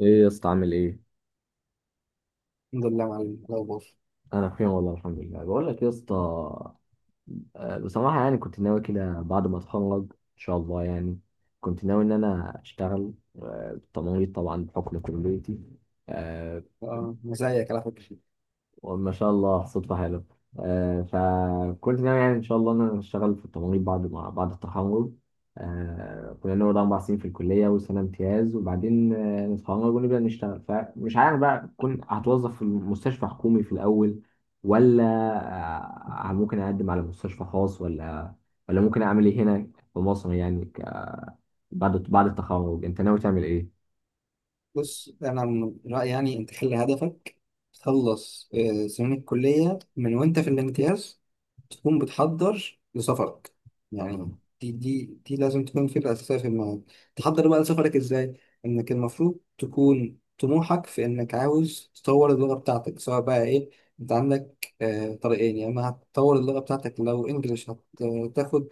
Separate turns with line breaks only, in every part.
ايه يا اسطى عامل ايه؟
الحمد لله يا معلم لو بص.
انا بخير والله الحمد لله بقول لك يا اسطى. بصراحة يعني كنت ناوي كده بعد ما اتخرج ان شاء الله، يعني كنت ناوي ان انا اشتغل بالتمريض طبعا بحكم كليتي. آه،
أنا زيك على فكرة.
وما شاء الله صدفة حلوة. فكنت ناوي يعني إن شاء الله إن أنا أشتغل في التمريض بعد ما بعد التخرج. كنا نقعد 4 سنين في الكلية وسنة امتياز، وبعدين نتخرج ونبدأ نشتغل. فمش عارف بقى، كنت هتوظف في مستشفى حكومي في الأول، ولا ممكن أقدم على مستشفى خاص، ولا ممكن أعمل إيه هنا في مصر، يعني بعد التخرج أنت ناوي تعمل إيه؟
بص، أنا من رأيي يعني أنت خلي هدفك تخلص سنين الكلية. من وأنت في الامتياز تكون بتحضر لسفرك، يعني دي لازم تكون فكرة أساسية في دماغك. تحضر بقى لسفرك إزاي؟ إنك المفروض تكون طموحك في إنك عاوز تطور اللغة بتاعتك، سواء بقى إيه. أنت عندك طريقين: يا إما هتطور اللغة بتاعتك لو إنجلش، هتاخد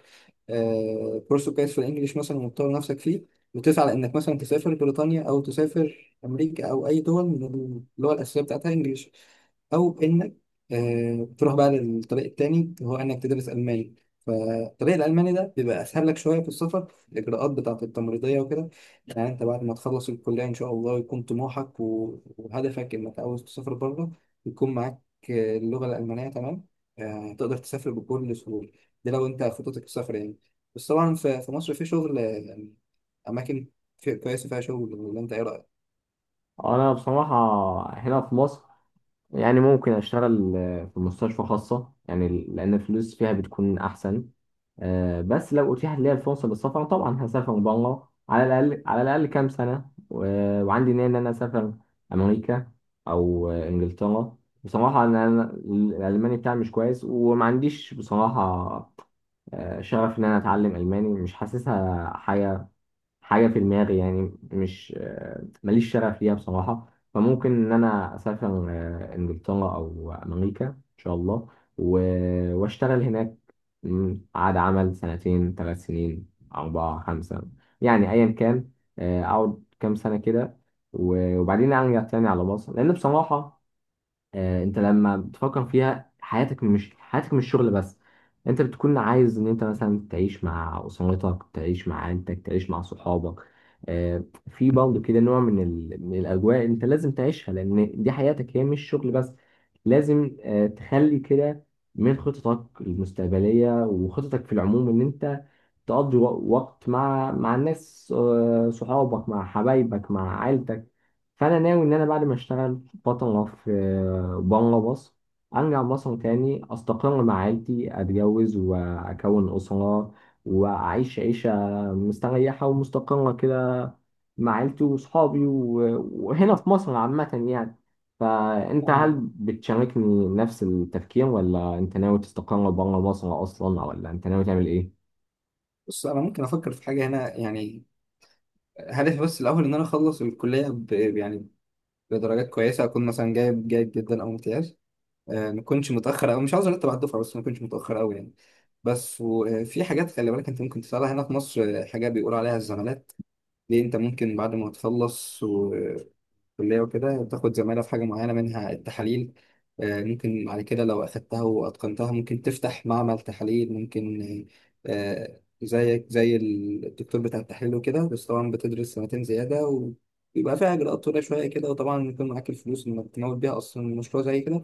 كورس كويس في الانجليش مثلا وتطور نفسك فيه، وتسعى لانك مثلا تسافر بريطانيا او تسافر امريكا او اي دول من اللغه الاساسيه بتاعتها انجليش. او انك تروح بقى للطريق التاني، هو انك تدرس الماني. فالطريق الالماني ده بيبقى اسهل لك شويه في السفر، الاجراءات بتاعه التمريضيه وكده. يعني انت بعد ما تخلص الكليه ان شاء الله يكون طموحك وهدفك انك عاوز تسافر بره، يكون معاك اللغه الالمانيه تمام، تقدر تسافر بكل سهوله. ده لو انت خطتك السفر يعني. بس طبعا في مصر في شغل، يعني اماكن كويسه فيها شغل، ولا انت ايه رايك؟
انا بصراحه هنا في مصر يعني ممكن اشتغل في مستشفى خاصة، يعني لان الفلوس فيها بتكون احسن. بس لو اتيحت لي الفرصة للسفر طبعا هسافر بره، على الاقل على الاقل كام سنة، وعندي نية ان انا اسافر امريكا او انجلترا. بصراحة أنا الالماني بتاعي مش كويس، وما عنديش بصراحة شغف ان انا اتعلم الماني، مش حاسسها حاجة في دماغي، يعني مش آه، ماليش شغف ليها بصراحة. فممكن إن أنا أسافر إنجلترا أو أمريكا إن شاء الله، وأشتغل هناك. عقد عمل سنتين، 3 سنين، أربعة، خمسة، يعني أيا كان. أقعد كام سنة كده، وبعدين أرجع تاني على مصر، لأن بصراحة انت لما بتفكر فيها، حياتك مش شغل بس. انت بتكون عايز ان انت مثلا تعيش مع اسرتك، تعيش مع عيلتك، تعيش مع صحابك. آه، في برضه كده نوع من من الاجواء انت لازم تعيشها، لان دي حياتك، هي مش شغل بس. لازم تخلي كده من خططك المستقبليه وخططك في العموم، ان انت تقضي وقت مع الناس، صحابك، مع حبايبك، مع عيلتك. فانا ناوي ان انا بعد ما اشتغل فتره في بره مصر، ارجع مصر تاني، استقر مع عيلتي، اتجوز واكون اسره، واعيش عيشه مستريحه ومستقره كده مع عيلتي وصحابي، وهنا في مصر عامه يعني. فانت هل
فاهمك.
بتشاركني نفس التفكير، ولا انت ناوي تستقر بره مصر اصلا، ولا انت ناوي تعمل ايه؟
بص، انا ممكن افكر في حاجه هنا يعني. هدفي بس الأول إن أنا أخلص الكلية يعني بدرجات كويسة، أكون مثلا جايب جيد جدا أو امتياز. ما أكونش متأخر، أو مش عاوز أرتب على الدفعة بس ما أكونش متأخر أوي يعني. بس وفي حاجات خلي بالك أنت ممكن تسألها هنا في مصر، حاجات بيقول عليها الزمالات. ليه؟ انت ممكن بعد ما تخلص وكلية وكده تاخد زمالة في حاجة معينة، منها التحاليل. ممكن بعد كده لو أخدتها وأتقنتها ممكن تفتح معمل تحاليل، ممكن زيك زي الدكتور بتاع التحليل وكده. بس طبعا بتدرس سنتين زيادة، ويبقى فيها إجراءات طويلة شوية كده، وطبعا يكون معاك الفلوس إنك تمول بيها أصلا مشروع زي كده.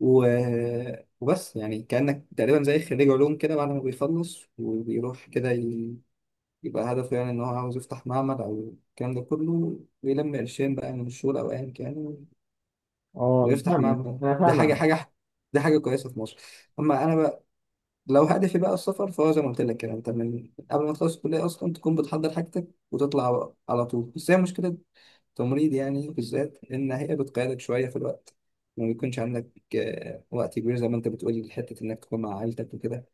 وبس يعني كأنك تقريبا زي خريج علوم كده، بعد ما بيخلص وبيروح كده يبقى هدفه يعني إن هو عاوز يفتح معمل أو الكلام ده كله، ويلم قرشين بقى من الشغل أو أيا كان،
اه،
ويفتح معمل.
انا
دي حاجة،
فاهمك.
حاجة دي حاجة كويسة في مصر. أما أنا بقى، لو هدفي بقى السفر فهو زي ما قلت لك كده، أنت من قبل ما تخلص الكلية أصلا تكون بتحضر حاجتك وتطلع بقى على طول. بس هي مشكلة التمريض يعني بالذات، إن هي بتقيدك شوية في الوقت، ما بيكونش عندك وقت كبير زي ما أنت بتقولي لحتة إنك تكون مع عائلتك وكده.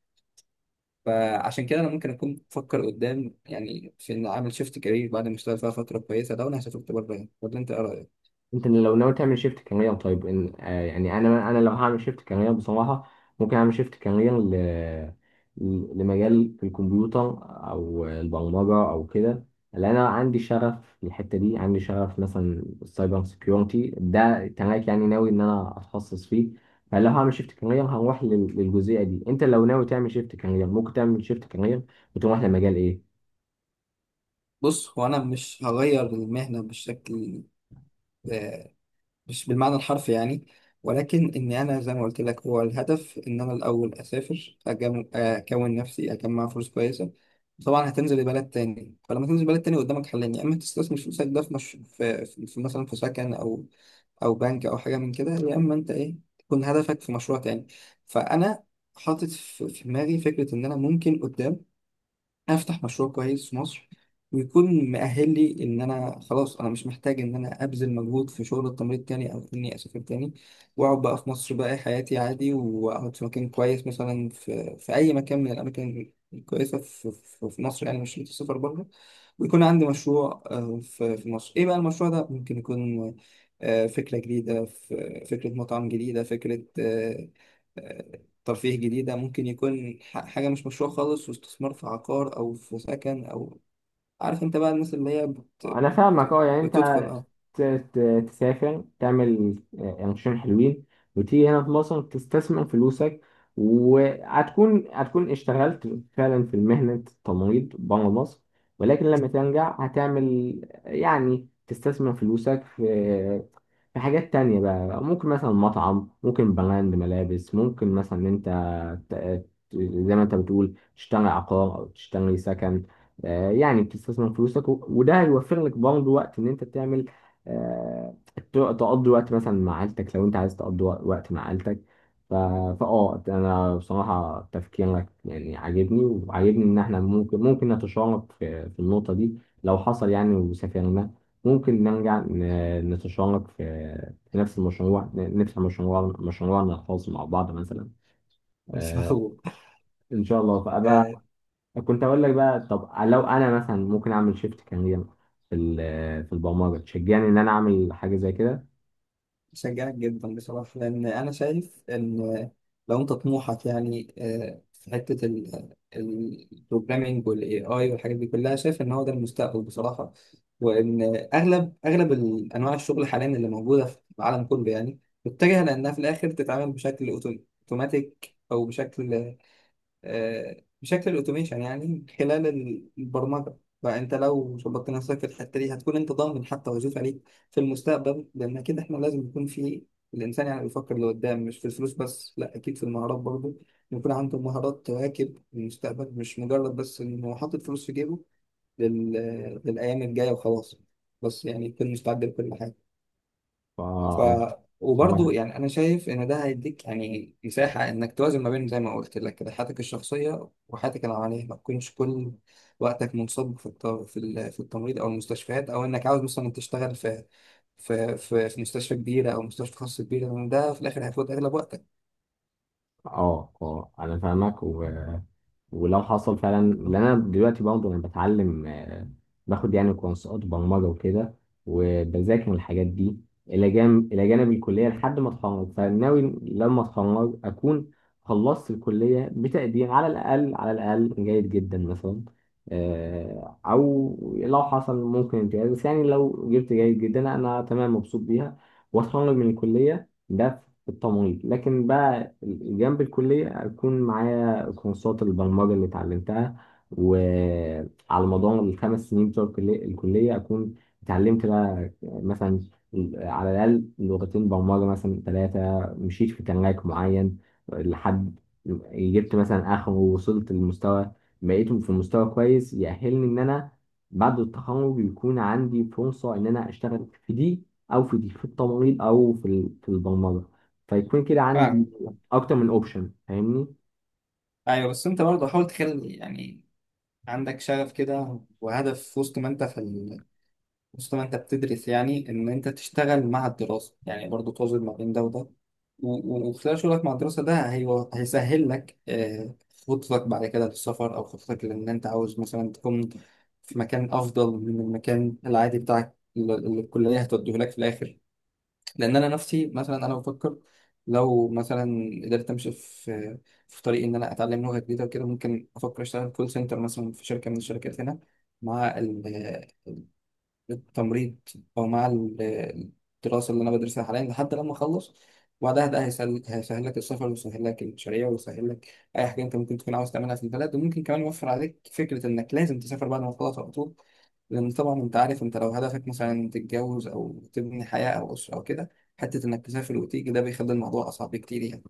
فعشان كده انا ممكن اكون بفكر قدام يعني في ان اعمل شيفت كارير بعد ما اشتغل فيها فتره كويسه، لو انا هسافرت بره يعني. ولا انت ايه رايك؟
انت لو ناوي تعمل شيفت كارير؟ طيب إن آه يعني انا لو هعمل شيفت كارير بصراحه، ممكن اعمل شيفت كارير لمجال في الكمبيوتر او البرمجه او كده. لان انا عندي شغف في الحته دي، عندي شغف مثلا السايبر سيكيورتي، ده تراك يعني ناوي ان انا اتخصص فيه. فلو هعمل شيفت كارير هروح للجزئيه دي. انت لو ناوي تعمل شيفت كارير ممكن تعمل شيفت كارير وتروح لمجال ايه؟
بص، هو انا مش هغير المهنه بشكل، مش بالمعنى الحرفي يعني. ولكن إن أنا زي ما قلت لك هو الهدف إن أنا الأول أسافر، أكون نفسي أجمع فلوس كويسة. طبعا هتنزل بلد تاني، فلما تنزل بلد تاني قدامك حلين: يا إما تستثمر فلوسك ده في, مش... في... في في مثلا في سكن أو أو بنك أو حاجة من كده، يا إما أنت إيه تكون هدفك في مشروع تاني. فأنا حاطط في دماغي فكرة إن أنا ممكن قدام افتح مشروع كويس في مصر، ويكون مؤهل لي ان انا خلاص انا مش محتاج ان انا ابذل مجهود في شغل التمريض تاني، او اني اسافر تاني. واقعد بقى في مصر، بقى حياتي عادي، واقعد في مكان كويس مثلا في اي مكان من الاماكن الكويسه في مصر يعني، مش شرط السفر بره. ويكون عندي مشروع، في مصر. ايه بقى المشروع ده؟ ممكن يكون فكره جديده، فكره مطعم جديده، فكره آه، ترفيه جديدة، ممكن يكون حاجة مش مشروع خالص، واستثمار في عقار أو في سكن أو، عارف أنت بقى، الناس اللي هي
انا فاهمك، اه يعني انت
بتدخل. أه.
ت- تسافر، تعمل قرشين حلوين، وتيجي هنا في مصر تستثمر فلوسك، وهتكون هتكون اشتغلت فعلا في مهنة التمريض بره مصر، ولكن لما ترجع هتعمل، يعني تستثمر فلوسك في حاجات تانية بقى، ممكن مثلا مطعم، ممكن براند ملابس، ممكن مثلا إن انت ت- ت- زي ما انت بتقول تشتري عقار او تشتري سكن. يعني بتستثمر فلوسك، وده هيوفر لك برضه وقت ان انت تعمل، تقضي وقت مثلا مع عيلتك، لو انت عايز تقضي وقت مع عيلتك. ف- فاه انا بصراحة تفكيرك يعني عاجبني، وعاجبني ان احنا ممكن نتشارك في النقطة دي. لو حصل يعني وسافرنا، ممكن نرجع نتشارك في في نفس المشروع، نفتح مشروعنا الخاص مع بعض مثلا.
إن شاء
آه
الله.
ان شاء الله. فابقى كنت اقول لك بقى، طب لو انا مثلا ممكن اعمل شيفت كارير في البرمجه، تشجعني ان انا اعمل حاجه زي كده؟
بشجعك جدا بصراحة، لأن أنا شايف إن لو أنت طموحك يعني في حتة البروجرامينج والاي اي والحاجات دي كلها، شايف إن هو ده المستقبل بصراحة. وإن أغلب أنواع الشغل حاليا اللي موجودة في العالم كله يعني متجهة لأنها في الآخر تتعامل بشكل أوتوماتيك أو بشكل، بشكل الاوتوميشن يعني من خلال البرمجه. فانت لو ظبطت نفسك في الحته دي هتكون انت ضامن حتى وظيفه ليك في المستقبل، لان كده احنا لازم يكون في الانسان يعني بيفكر لقدام، مش في الفلوس بس، لا اكيد في المهارات برضه، يكون عنده مهارات تواكب المستقبل، مش مجرد بس انه حاطط فلوس في جيبه لل... للايام الجايه وخلاص، بس يعني يكون مستعد لكل حاجه.
فا
ف
اه
وبرضه يعني انا شايف ان ده هيديك يعني مساحه انك توازن ما بين زي ما قلت لك كده حياتك الشخصيه وحياتك العمليه، ما تكونش كل وقتك منصب في التمريض او المستشفيات، او انك عاوز مثلا تشتغل في مستشفى كبيره او مستشفى خاص كبيره، لأن ده في الاخر هيفوت اغلب وقتك.
اه آه، انا فاهمك. ولو حصل فعلا، لان انا دلوقتي برضه انا بتعلم، باخد يعني كورسات برمجه وكده، وبذاكر الحاجات دي الى جانب الكليه لحد ما اتخرج. فناوي لما اتخرج اكون خلصت الكليه بتقدير على الاقل على الاقل جيد جدا مثلا، او لو حصل ممكن امتياز، بس يعني لو جبت جيد جدا انا تمام مبسوط بيها. واتخرج من الكليه ده في التمريض، لكن بقى جنب الكليه اكون معايا كورسات البرمجة اللي اتعلمتها، وعلى مدار الـ5 سنين بتوع الكلية أكون اتعلمت بقى مثلا على الأقل لغتين برمجة، مثلا ثلاثة، مشيت في تراك معين لحد جبت مثلا آخره، ووصلت لمستوى، بقيت في مستوى كويس يأهلني إن أنا بعد التخرج يكون عندي فرصة إن أنا أشتغل في دي أو في دي، في التمريض أو في البرمجة، فيكون كده
فاهم.
عندي أكتر من أوبشن، فاهمني؟
ايوه، بس انت برضه حاول تخلي يعني عندك شغف كده وهدف في وسط ما انت في. بص، ما انت بتدرس يعني ان انت تشتغل مع الدراسة، يعني برضو توازن ما بين ده وده. وخلال شغلك مع الدراسة ده هيسهل لك خطتك بعد كده للسفر، او خطتك لان انت عاوز مثلا تكون في مكان افضل من المكان العادي بتاعك اللي الكلية هتوديه لك في الاخر. لان انا نفسي مثلا انا بفكر لو مثلا قدرت امشي في طريق ان انا اتعلم لغة جديدة وكده، ممكن افكر اشتغل كول سنتر مثلا في شركة من الشركات هنا مع التمريض، او مع الدراسه اللي انا بدرسها حاليا لحد لما اخلص. وبعدها ده هيسهل لك السفر، ويسهل لك المشاريع، ويسهل لك اي حاجه انت ممكن تكون عاوز تعملها في البلد، وممكن كمان يوفر عليك فكره انك لازم تسافر بعد ما تخلص على طول. لان طبعا انت عارف، انت لو هدفك مثلا تتجوز او تبني حياه او اسره او كده، حته انك تسافر وتيجي ده بيخلي الموضوع اصعب بكتير يعني.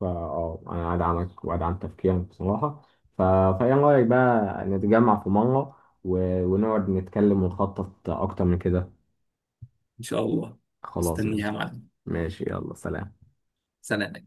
انا ادعمك وادعم تفكيرك بصراحه. ف... فايه رايك بقى نتجمع في مره و... ونقعد نتكلم ونخطط اكتر من كده؟
ان شاء الله،
خلاص
استنيها
ماشي.
معانا.
ماشي يلا سلام.
سلام.